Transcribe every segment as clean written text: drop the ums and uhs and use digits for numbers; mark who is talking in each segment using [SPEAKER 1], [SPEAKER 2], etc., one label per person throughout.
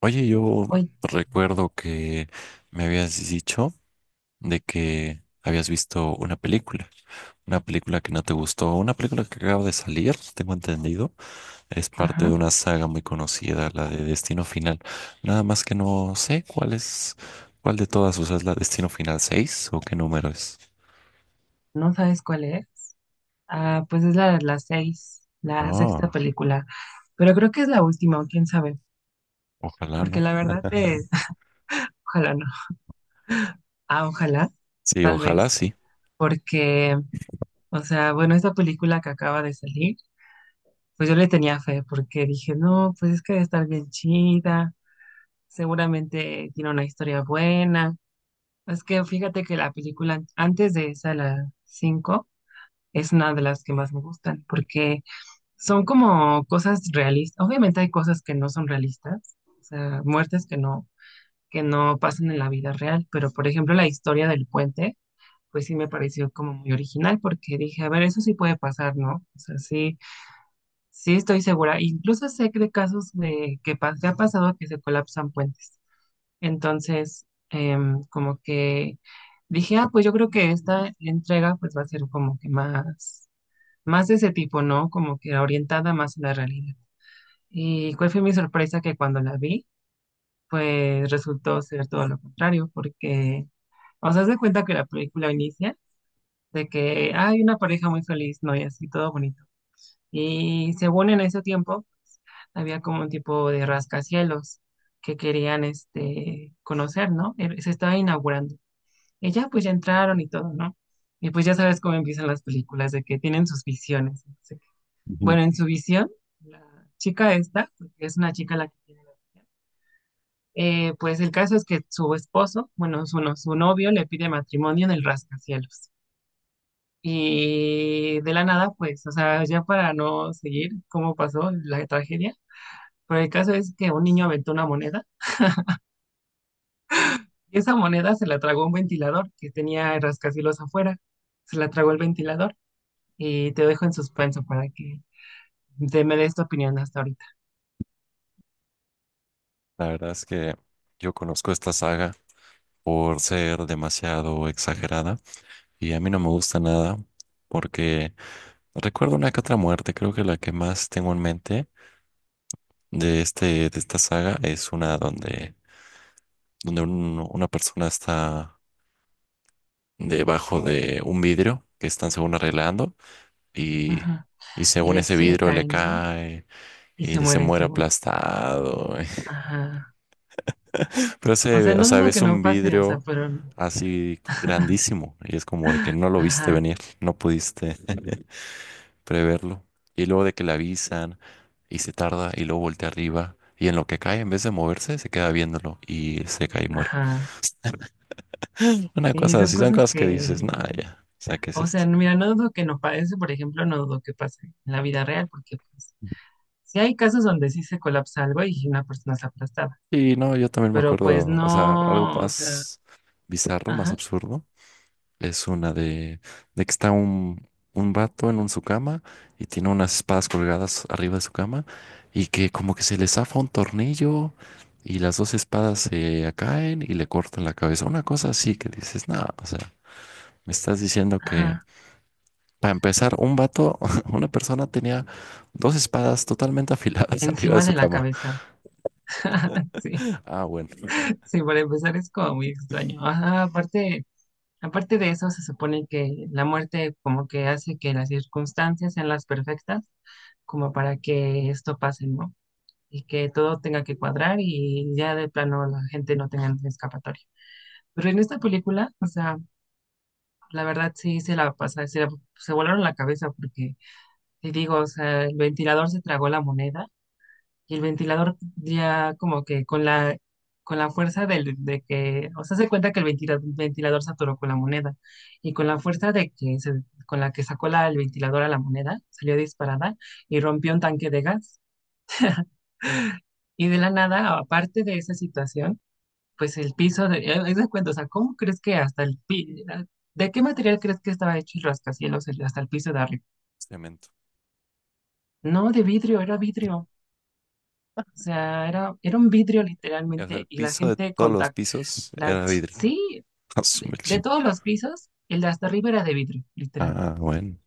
[SPEAKER 1] Oye, yo
[SPEAKER 2] Hoy,
[SPEAKER 1] recuerdo que me habías dicho de que habías visto una película que no te gustó, una película que acaba de salir, tengo entendido, es parte de una
[SPEAKER 2] ajá,
[SPEAKER 1] saga muy conocida, la de Destino Final. Nada más que no sé cuál es, cuál de todas, o sea, es la Destino Final 6 o qué número es.
[SPEAKER 2] ¿no sabes cuál es? Ah, pues es la seis, la sexta
[SPEAKER 1] Ah,
[SPEAKER 2] película, pero creo que es la última, o quién sabe,
[SPEAKER 1] ojalá
[SPEAKER 2] porque
[SPEAKER 1] no.
[SPEAKER 2] la verdad es, ojalá no, ah, ojalá,
[SPEAKER 1] Sí,
[SPEAKER 2] tal
[SPEAKER 1] ojalá
[SPEAKER 2] vez,
[SPEAKER 1] sí.
[SPEAKER 2] porque, o sea, bueno, esta película que acaba de salir, pues yo le tenía fe, porque dije, no, pues es que debe estar bien chida, seguramente tiene una historia buena, es que fíjate que la película antes de esa, la cinco, es una de las que más me gustan, porque son como cosas realistas. Obviamente hay cosas que no son realistas, o sea, muertes que no pasan en la vida real, pero por ejemplo la historia del puente, pues sí me pareció como muy original porque dije, a ver, eso sí puede pasar, ¿no? O sea, sí, sí estoy segura. Incluso sé que de casos de que, que ha pasado que se colapsan puentes. Entonces, como que dije, ah, pues yo creo que esta entrega pues va a ser como que más, más de ese tipo, ¿no? Como que orientada más a la realidad. Y cuál fue mi sorpresa que cuando la vi, pues resultó ser todo lo contrario, porque, o sea, haz cuenta que la película inicia de que hay una pareja muy feliz, ¿no? Y así todo bonito. Y según en ese tiempo, había como un tipo de rascacielos que querían, este, conocer, ¿no? Se estaba inaugurando. Y ya, pues ya entraron y todo, ¿no? Y pues ya sabes cómo empiezan las películas, de que tienen sus visiones. No sé qué.
[SPEAKER 1] Ujú.
[SPEAKER 2] Bueno, en su visión, la chica esta, porque es una chica la que tiene. Pues el caso es que su esposo, bueno, su, su novio le pide matrimonio en el rascacielos. Y de la nada, pues, o sea, ya para no seguir cómo pasó la tragedia, pero el caso es que un niño aventó una moneda y esa moneda se la tragó un ventilador que tenía el rascacielos afuera. Se la tragó el ventilador y te dejo en suspenso para que te me des tu opinión hasta ahorita.
[SPEAKER 1] La verdad es que yo conozco esta saga por ser demasiado exagerada y a mí no me gusta nada porque recuerdo una que otra muerte, creo que la que más tengo en mente de esta saga es una donde una persona está debajo de un vidrio que están según arreglando y
[SPEAKER 2] Ajá.
[SPEAKER 1] y
[SPEAKER 2] Y
[SPEAKER 1] según
[SPEAKER 2] le,
[SPEAKER 1] ese
[SPEAKER 2] se le
[SPEAKER 1] vidrio le
[SPEAKER 2] cae, ¿no?
[SPEAKER 1] cae
[SPEAKER 2] Y
[SPEAKER 1] y
[SPEAKER 2] se
[SPEAKER 1] se
[SPEAKER 2] muere
[SPEAKER 1] muere
[SPEAKER 2] según.
[SPEAKER 1] aplastado.
[SPEAKER 2] Ajá.
[SPEAKER 1] Pero
[SPEAKER 2] O sea,
[SPEAKER 1] ese, o
[SPEAKER 2] no
[SPEAKER 1] sea,
[SPEAKER 2] dudo que
[SPEAKER 1] ves
[SPEAKER 2] no
[SPEAKER 1] un
[SPEAKER 2] pase, o sea,
[SPEAKER 1] vidrio
[SPEAKER 2] pero...
[SPEAKER 1] así grandísimo y es como de que no lo viste
[SPEAKER 2] Ajá.
[SPEAKER 1] venir, no pudiste preverlo. Y luego de que le avisan y se tarda y luego voltea arriba y en lo que cae, en vez de moverse, se queda viéndolo y se cae y muere.
[SPEAKER 2] Ajá.
[SPEAKER 1] Una
[SPEAKER 2] Sí,
[SPEAKER 1] cosa
[SPEAKER 2] son
[SPEAKER 1] así, son
[SPEAKER 2] cosas
[SPEAKER 1] cosas que dices,
[SPEAKER 2] que,
[SPEAKER 1] nada, ya, o sea, ¿qué es
[SPEAKER 2] o
[SPEAKER 1] esto?
[SPEAKER 2] sea, mira, no dudo que no pase, por ejemplo, no dudo que pase en la vida real, porque pues sí hay casos donde sí se colapsa algo y una persona es aplastada,
[SPEAKER 1] Y no, yo también me
[SPEAKER 2] pero pues
[SPEAKER 1] acuerdo, o sea, algo
[SPEAKER 2] no, o sea,
[SPEAKER 1] más bizarro, más
[SPEAKER 2] ajá,
[SPEAKER 1] absurdo. Es una de que está un vato en un, su cama y tiene unas espadas colgadas arriba de su cama y que como que se le zafa un tornillo y las dos espadas se caen y le cortan la cabeza. Una cosa así que dices, no, o sea, me estás diciendo que
[SPEAKER 2] ajá,
[SPEAKER 1] para empezar, un vato, una persona tenía dos espadas totalmente afiladas arriba de
[SPEAKER 2] encima
[SPEAKER 1] su
[SPEAKER 2] de la
[SPEAKER 1] cama.
[SPEAKER 2] cabeza. Sí,
[SPEAKER 1] Ah, bueno,
[SPEAKER 2] sí, para empezar es como muy extraño. Ajá, aparte, aparte de eso, se supone que la muerte como que hace que las circunstancias sean las perfectas, como para que esto pase, ¿no? Y que todo tenga que cuadrar y ya de plano la gente no tenga escapatoria. Pero en esta película, o sea, la verdad sí se la pasa, se volaron la cabeza porque, te digo, o sea, el ventilador se tragó la moneda y el ventilador ya como que con la fuerza del, de que, o sea, se cuenta que el ventilador se atoró con la moneda y con la fuerza de que con la que sacó la, el ventilador a la moneda, salió disparada y rompió un tanque de gas. Y de la nada, aparte de esa situación, pues el piso, de, haz de cuenta, o sea, ¿cómo crees que hasta el ¿de qué material crees que estaba hecho el rascacielos hasta el piso de arriba?
[SPEAKER 1] cemento.
[SPEAKER 2] No, de vidrio, era vidrio. O sea, era, era un vidrio
[SPEAKER 1] O sea, el
[SPEAKER 2] literalmente y la
[SPEAKER 1] piso de
[SPEAKER 2] gente
[SPEAKER 1] todos los
[SPEAKER 2] contacta.
[SPEAKER 1] pisos
[SPEAKER 2] Las,
[SPEAKER 1] era vidrio.
[SPEAKER 2] sí,
[SPEAKER 1] Ah, su mecha.
[SPEAKER 2] de todos los pisos, el de hasta arriba era de vidrio, literal.
[SPEAKER 1] Ah, bueno.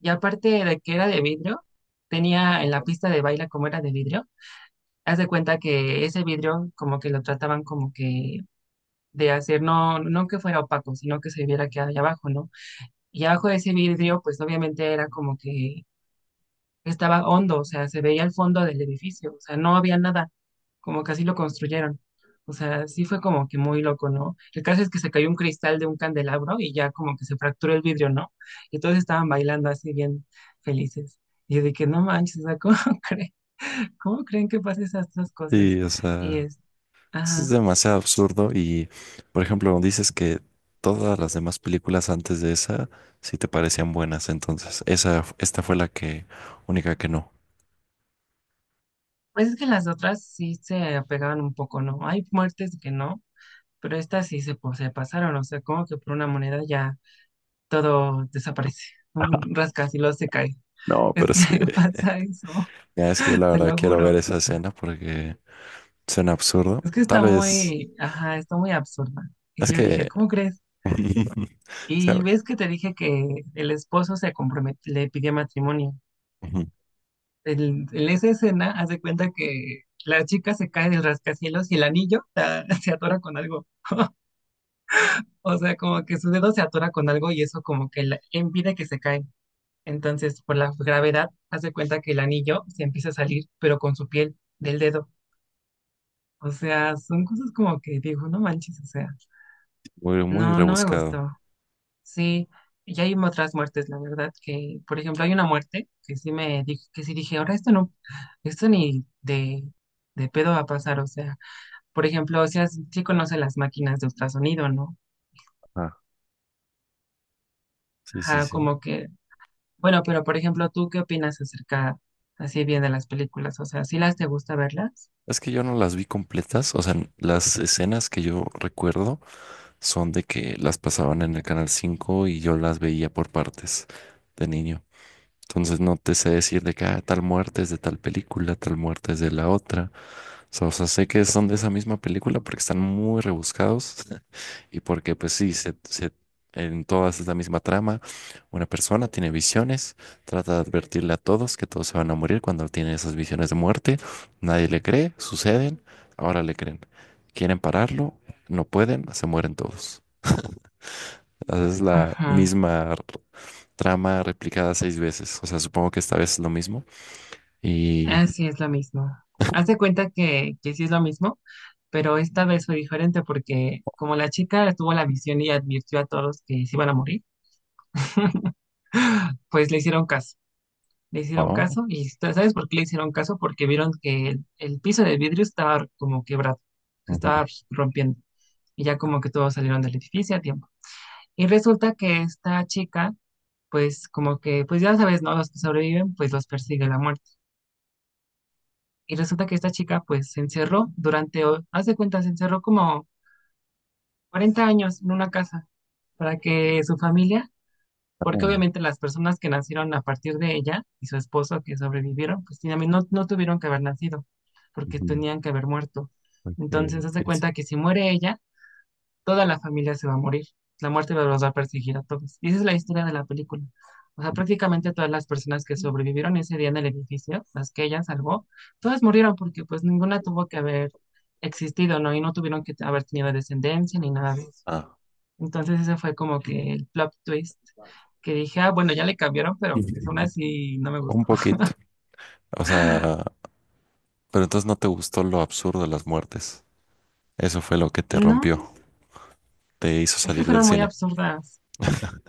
[SPEAKER 2] Y aparte de que era de vidrio, tenía en la pista de baile como era de vidrio, haz de cuenta que ese vidrio como que lo trataban como que de hacer, no, no que fuera opaco, sino que se viera que hay abajo, ¿no? Y abajo de ese vidrio, pues obviamente era como que estaba hondo, o sea, se veía el fondo del edificio, o sea, no había nada, como que así lo construyeron. O sea, sí fue como que muy loco, ¿no? El caso es que se cayó un cristal de un candelabro y ya como que se fracturó el vidrio, ¿no? Y todos estaban bailando así bien felices. Y yo dije, no manches, o sea, ¿cómo creen, cómo creen que pasen esas dos
[SPEAKER 1] Sí,
[SPEAKER 2] cosas?
[SPEAKER 1] o
[SPEAKER 2] Y
[SPEAKER 1] sea.
[SPEAKER 2] es,
[SPEAKER 1] Es
[SPEAKER 2] ajá.
[SPEAKER 1] demasiado absurdo y, por ejemplo, dices que todas las demás películas antes de esa sí te parecían buenas, entonces esa, esta fue la que única que no.
[SPEAKER 2] Pues es que las otras sí se apegaban un poco, ¿no? Hay muertes que no, pero estas sí se pasaron, o sea, como que por una moneda ya todo desaparece. Un rascacielos se cae.
[SPEAKER 1] No,
[SPEAKER 2] Es
[SPEAKER 1] pero
[SPEAKER 2] que
[SPEAKER 1] es que
[SPEAKER 2] pasa eso,
[SPEAKER 1] ya es que yo la
[SPEAKER 2] te
[SPEAKER 1] verdad
[SPEAKER 2] lo
[SPEAKER 1] quiero ver
[SPEAKER 2] juro.
[SPEAKER 1] esa escena porque suena absurdo.
[SPEAKER 2] Es que
[SPEAKER 1] Tal
[SPEAKER 2] está
[SPEAKER 1] vez
[SPEAKER 2] muy, ajá, está muy absurda. Y
[SPEAKER 1] es
[SPEAKER 2] yo dije,
[SPEAKER 1] que
[SPEAKER 2] ¿cómo crees?
[SPEAKER 1] o sea,
[SPEAKER 2] Y ves que te dije que el esposo se comprometió, le pidió matrimonio.
[SPEAKER 1] ujú,
[SPEAKER 2] El, en esa escena, haz de cuenta que la chica se cae del rascacielos y el anillo ah, se atora con algo. O sea, como que su dedo se atora con algo y eso como que la, impide que se cae. Entonces, por la gravedad, haz de cuenta que el anillo se empieza a salir, pero con su piel del dedo. O sea, son cosas como que digo, no manches, o sea,
[SPEAKER 1] muy, muy
[SPEAKER 2] no, no me
[SPEAKER 1] rebuscado.
[SPEAKER 2] gustó. Sí, y hay otras muertes, la verdad, que, por ejemplo, hay una muerte que sí me dije, que sí dije, ahora esto no, esto ni de, de pedo va a pasar, o sea, por ejemplo, o sea, sí conoce las máquinas de ultrasonido, ¿no?
[SPEAKER 1] Ah, sí, sí,
[SPEAKER 2] Ajá,
[SPEAKER 1] sí.
[SPEAKER 2] como que, bueno, pero por ejemplo, ¿tú qué opinas acerca así bien de las películas? O sea, ¿sí las te gusta verlas?
[SPEAKER 1] Es que yo no las vi completas, o sea, las escenas que yo recuerdo son de que las pasaban en el Canal 5 y yo las veía por partes de niño. Entonces no te sé decir de que "Ah, tal muerte es de tal película, tal muerte es de la otra." So, o sea, sé que son de esa misma película porque están muy rebuscados y porque pues sí, en todas es la misma trama. Una persona tiene visiones, trata de advertirle a todos que todos se van a morir cuando tiene esas visiones de muerte. Nadie le cree, suceden, ahora le creen. Quieren pararlo, no pueden, se mueren todos. Haces la
[SPEAKER 2] Ajá,
[SPEAKER 1] misma r- trama replicada 6 veces. O sea, supongo que esta vez es lo mismo. Y...
[SPEAKER 2] así es lo mismo. Haz de cuenta que sí es lo mismo, pero esta vez fue diferente porque como la chica tuvo la visión y advirtió a todos que se iban a morir, pues le hicieron caso. Le hicieron
[SPEAKER 1] Oh,
[SPEAKER 2] caso y ¿sabes por qué le hicieron caso? Porque vieron que el piso de vidrio estaba como quebrado, se
[SPEAKER 1] ujú,
[SPEAKER 2] estaba rompiendo y ya como que todos salieron del edificio a tiempo. Y resulta que esta chica, pues como que, pues ya sabes, ¿no? Los que sobreviven, pues los persigue la muerte. Y resulta que esta chica pues se encerró durante, haz de cuenta, se encerró como 40 años en una casa para que su familia, porque
[SPEAKER 1] ah,
[SPEAKER 2] obviamente las personas que nacieron a partir de ella y su esposo que sobrevivieron, pues también no, no tuvieron que haber nacido, porque
[SPEAKER 1] ujú,
[SPEAKER 2] tenían que haber muerto.
[SPEAKER 1] ok,
[SPEAKER 2] Entonces, haz de
[SPEAKER 1] sí, sí.
[SPEAKER 2] cuenta que si muere ella, toda la familia se va a morir. La muerte los va a perseguir a todos. Y esa es la historia de la película. O sea, prácticamente todas las personas que sobrevivieron ese día en el edificio, las que ella salvó, todas murieron porque pues ninguna tuvo que haber existido, ¿no? Y no tuvieron que haber tenido descendencia ni nada de eso.
[SPEAKER 1] Ah.
[SPEAKER 2] Entonces ese fue como que el plot twist que dije, ah, bueno, ya le cambiaron, pero pues aún
[SPEAKER 1] Ujú.
[SPEAKER 2] así no me
[SPEAKER 1] Un
[SPEAKER 2] gustó.
[SPEAKER 1] poquito. O sea, pero entonces no te gustó lo absurdo de las muertes. Eso fue lo que te
[SPEAKER 2] No,
[SPEAKER 1] rompió, te hizo
[SPEAKER 2] es que
[SPEAKER 1] salir del
[SPEAKER 2] fueron muy
[SPEAKER 1] cine.
[SPEAKER 2] absurdas.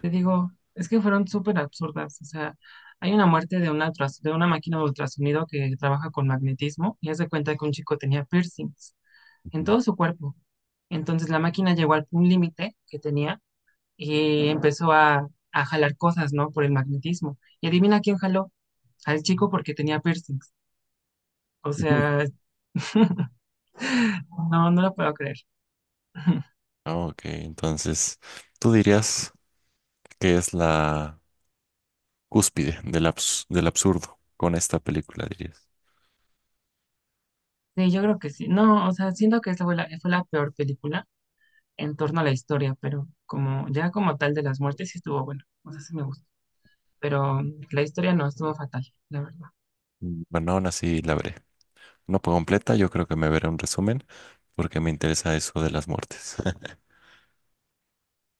[SPEAKER 2] Te digo, es que fueron súper absurdas. O sea, hay una muerte de una, de una máquina de ultrasonido que trabaja con magnetismo y hace cuenta que un chico tenía piercings en
[SPEAKER 1] Ujú.
[SPEAKER 2] todo su cuerpo. Entonces la máquina llegó al un límite que tenía y empezó a jalar cosas, ¿no? Por el magnetismo. Y adivina quién jaló al chico porque tenía piercings. O sea, no, no lo puedo creer.
[SPEAKER 1] Ok, entonces, ¿tú dirías que es la cúspide del absurdo con esta película, dirías?
[SPEAKER 2] Sí, yo creo que sí. No, o sea, siento que esa fue la peor película en torno a la historia, pero como ya como tal de las muertes sí estuvo bueno, o sea, sí me gustó, pero la historia no estuvo fatal, la verdad.
[SPEAKER 1] Mm. Bueno, aún así la veré, no por completa, yo creo que me veré un resumen porque me interesa eso de las muertes.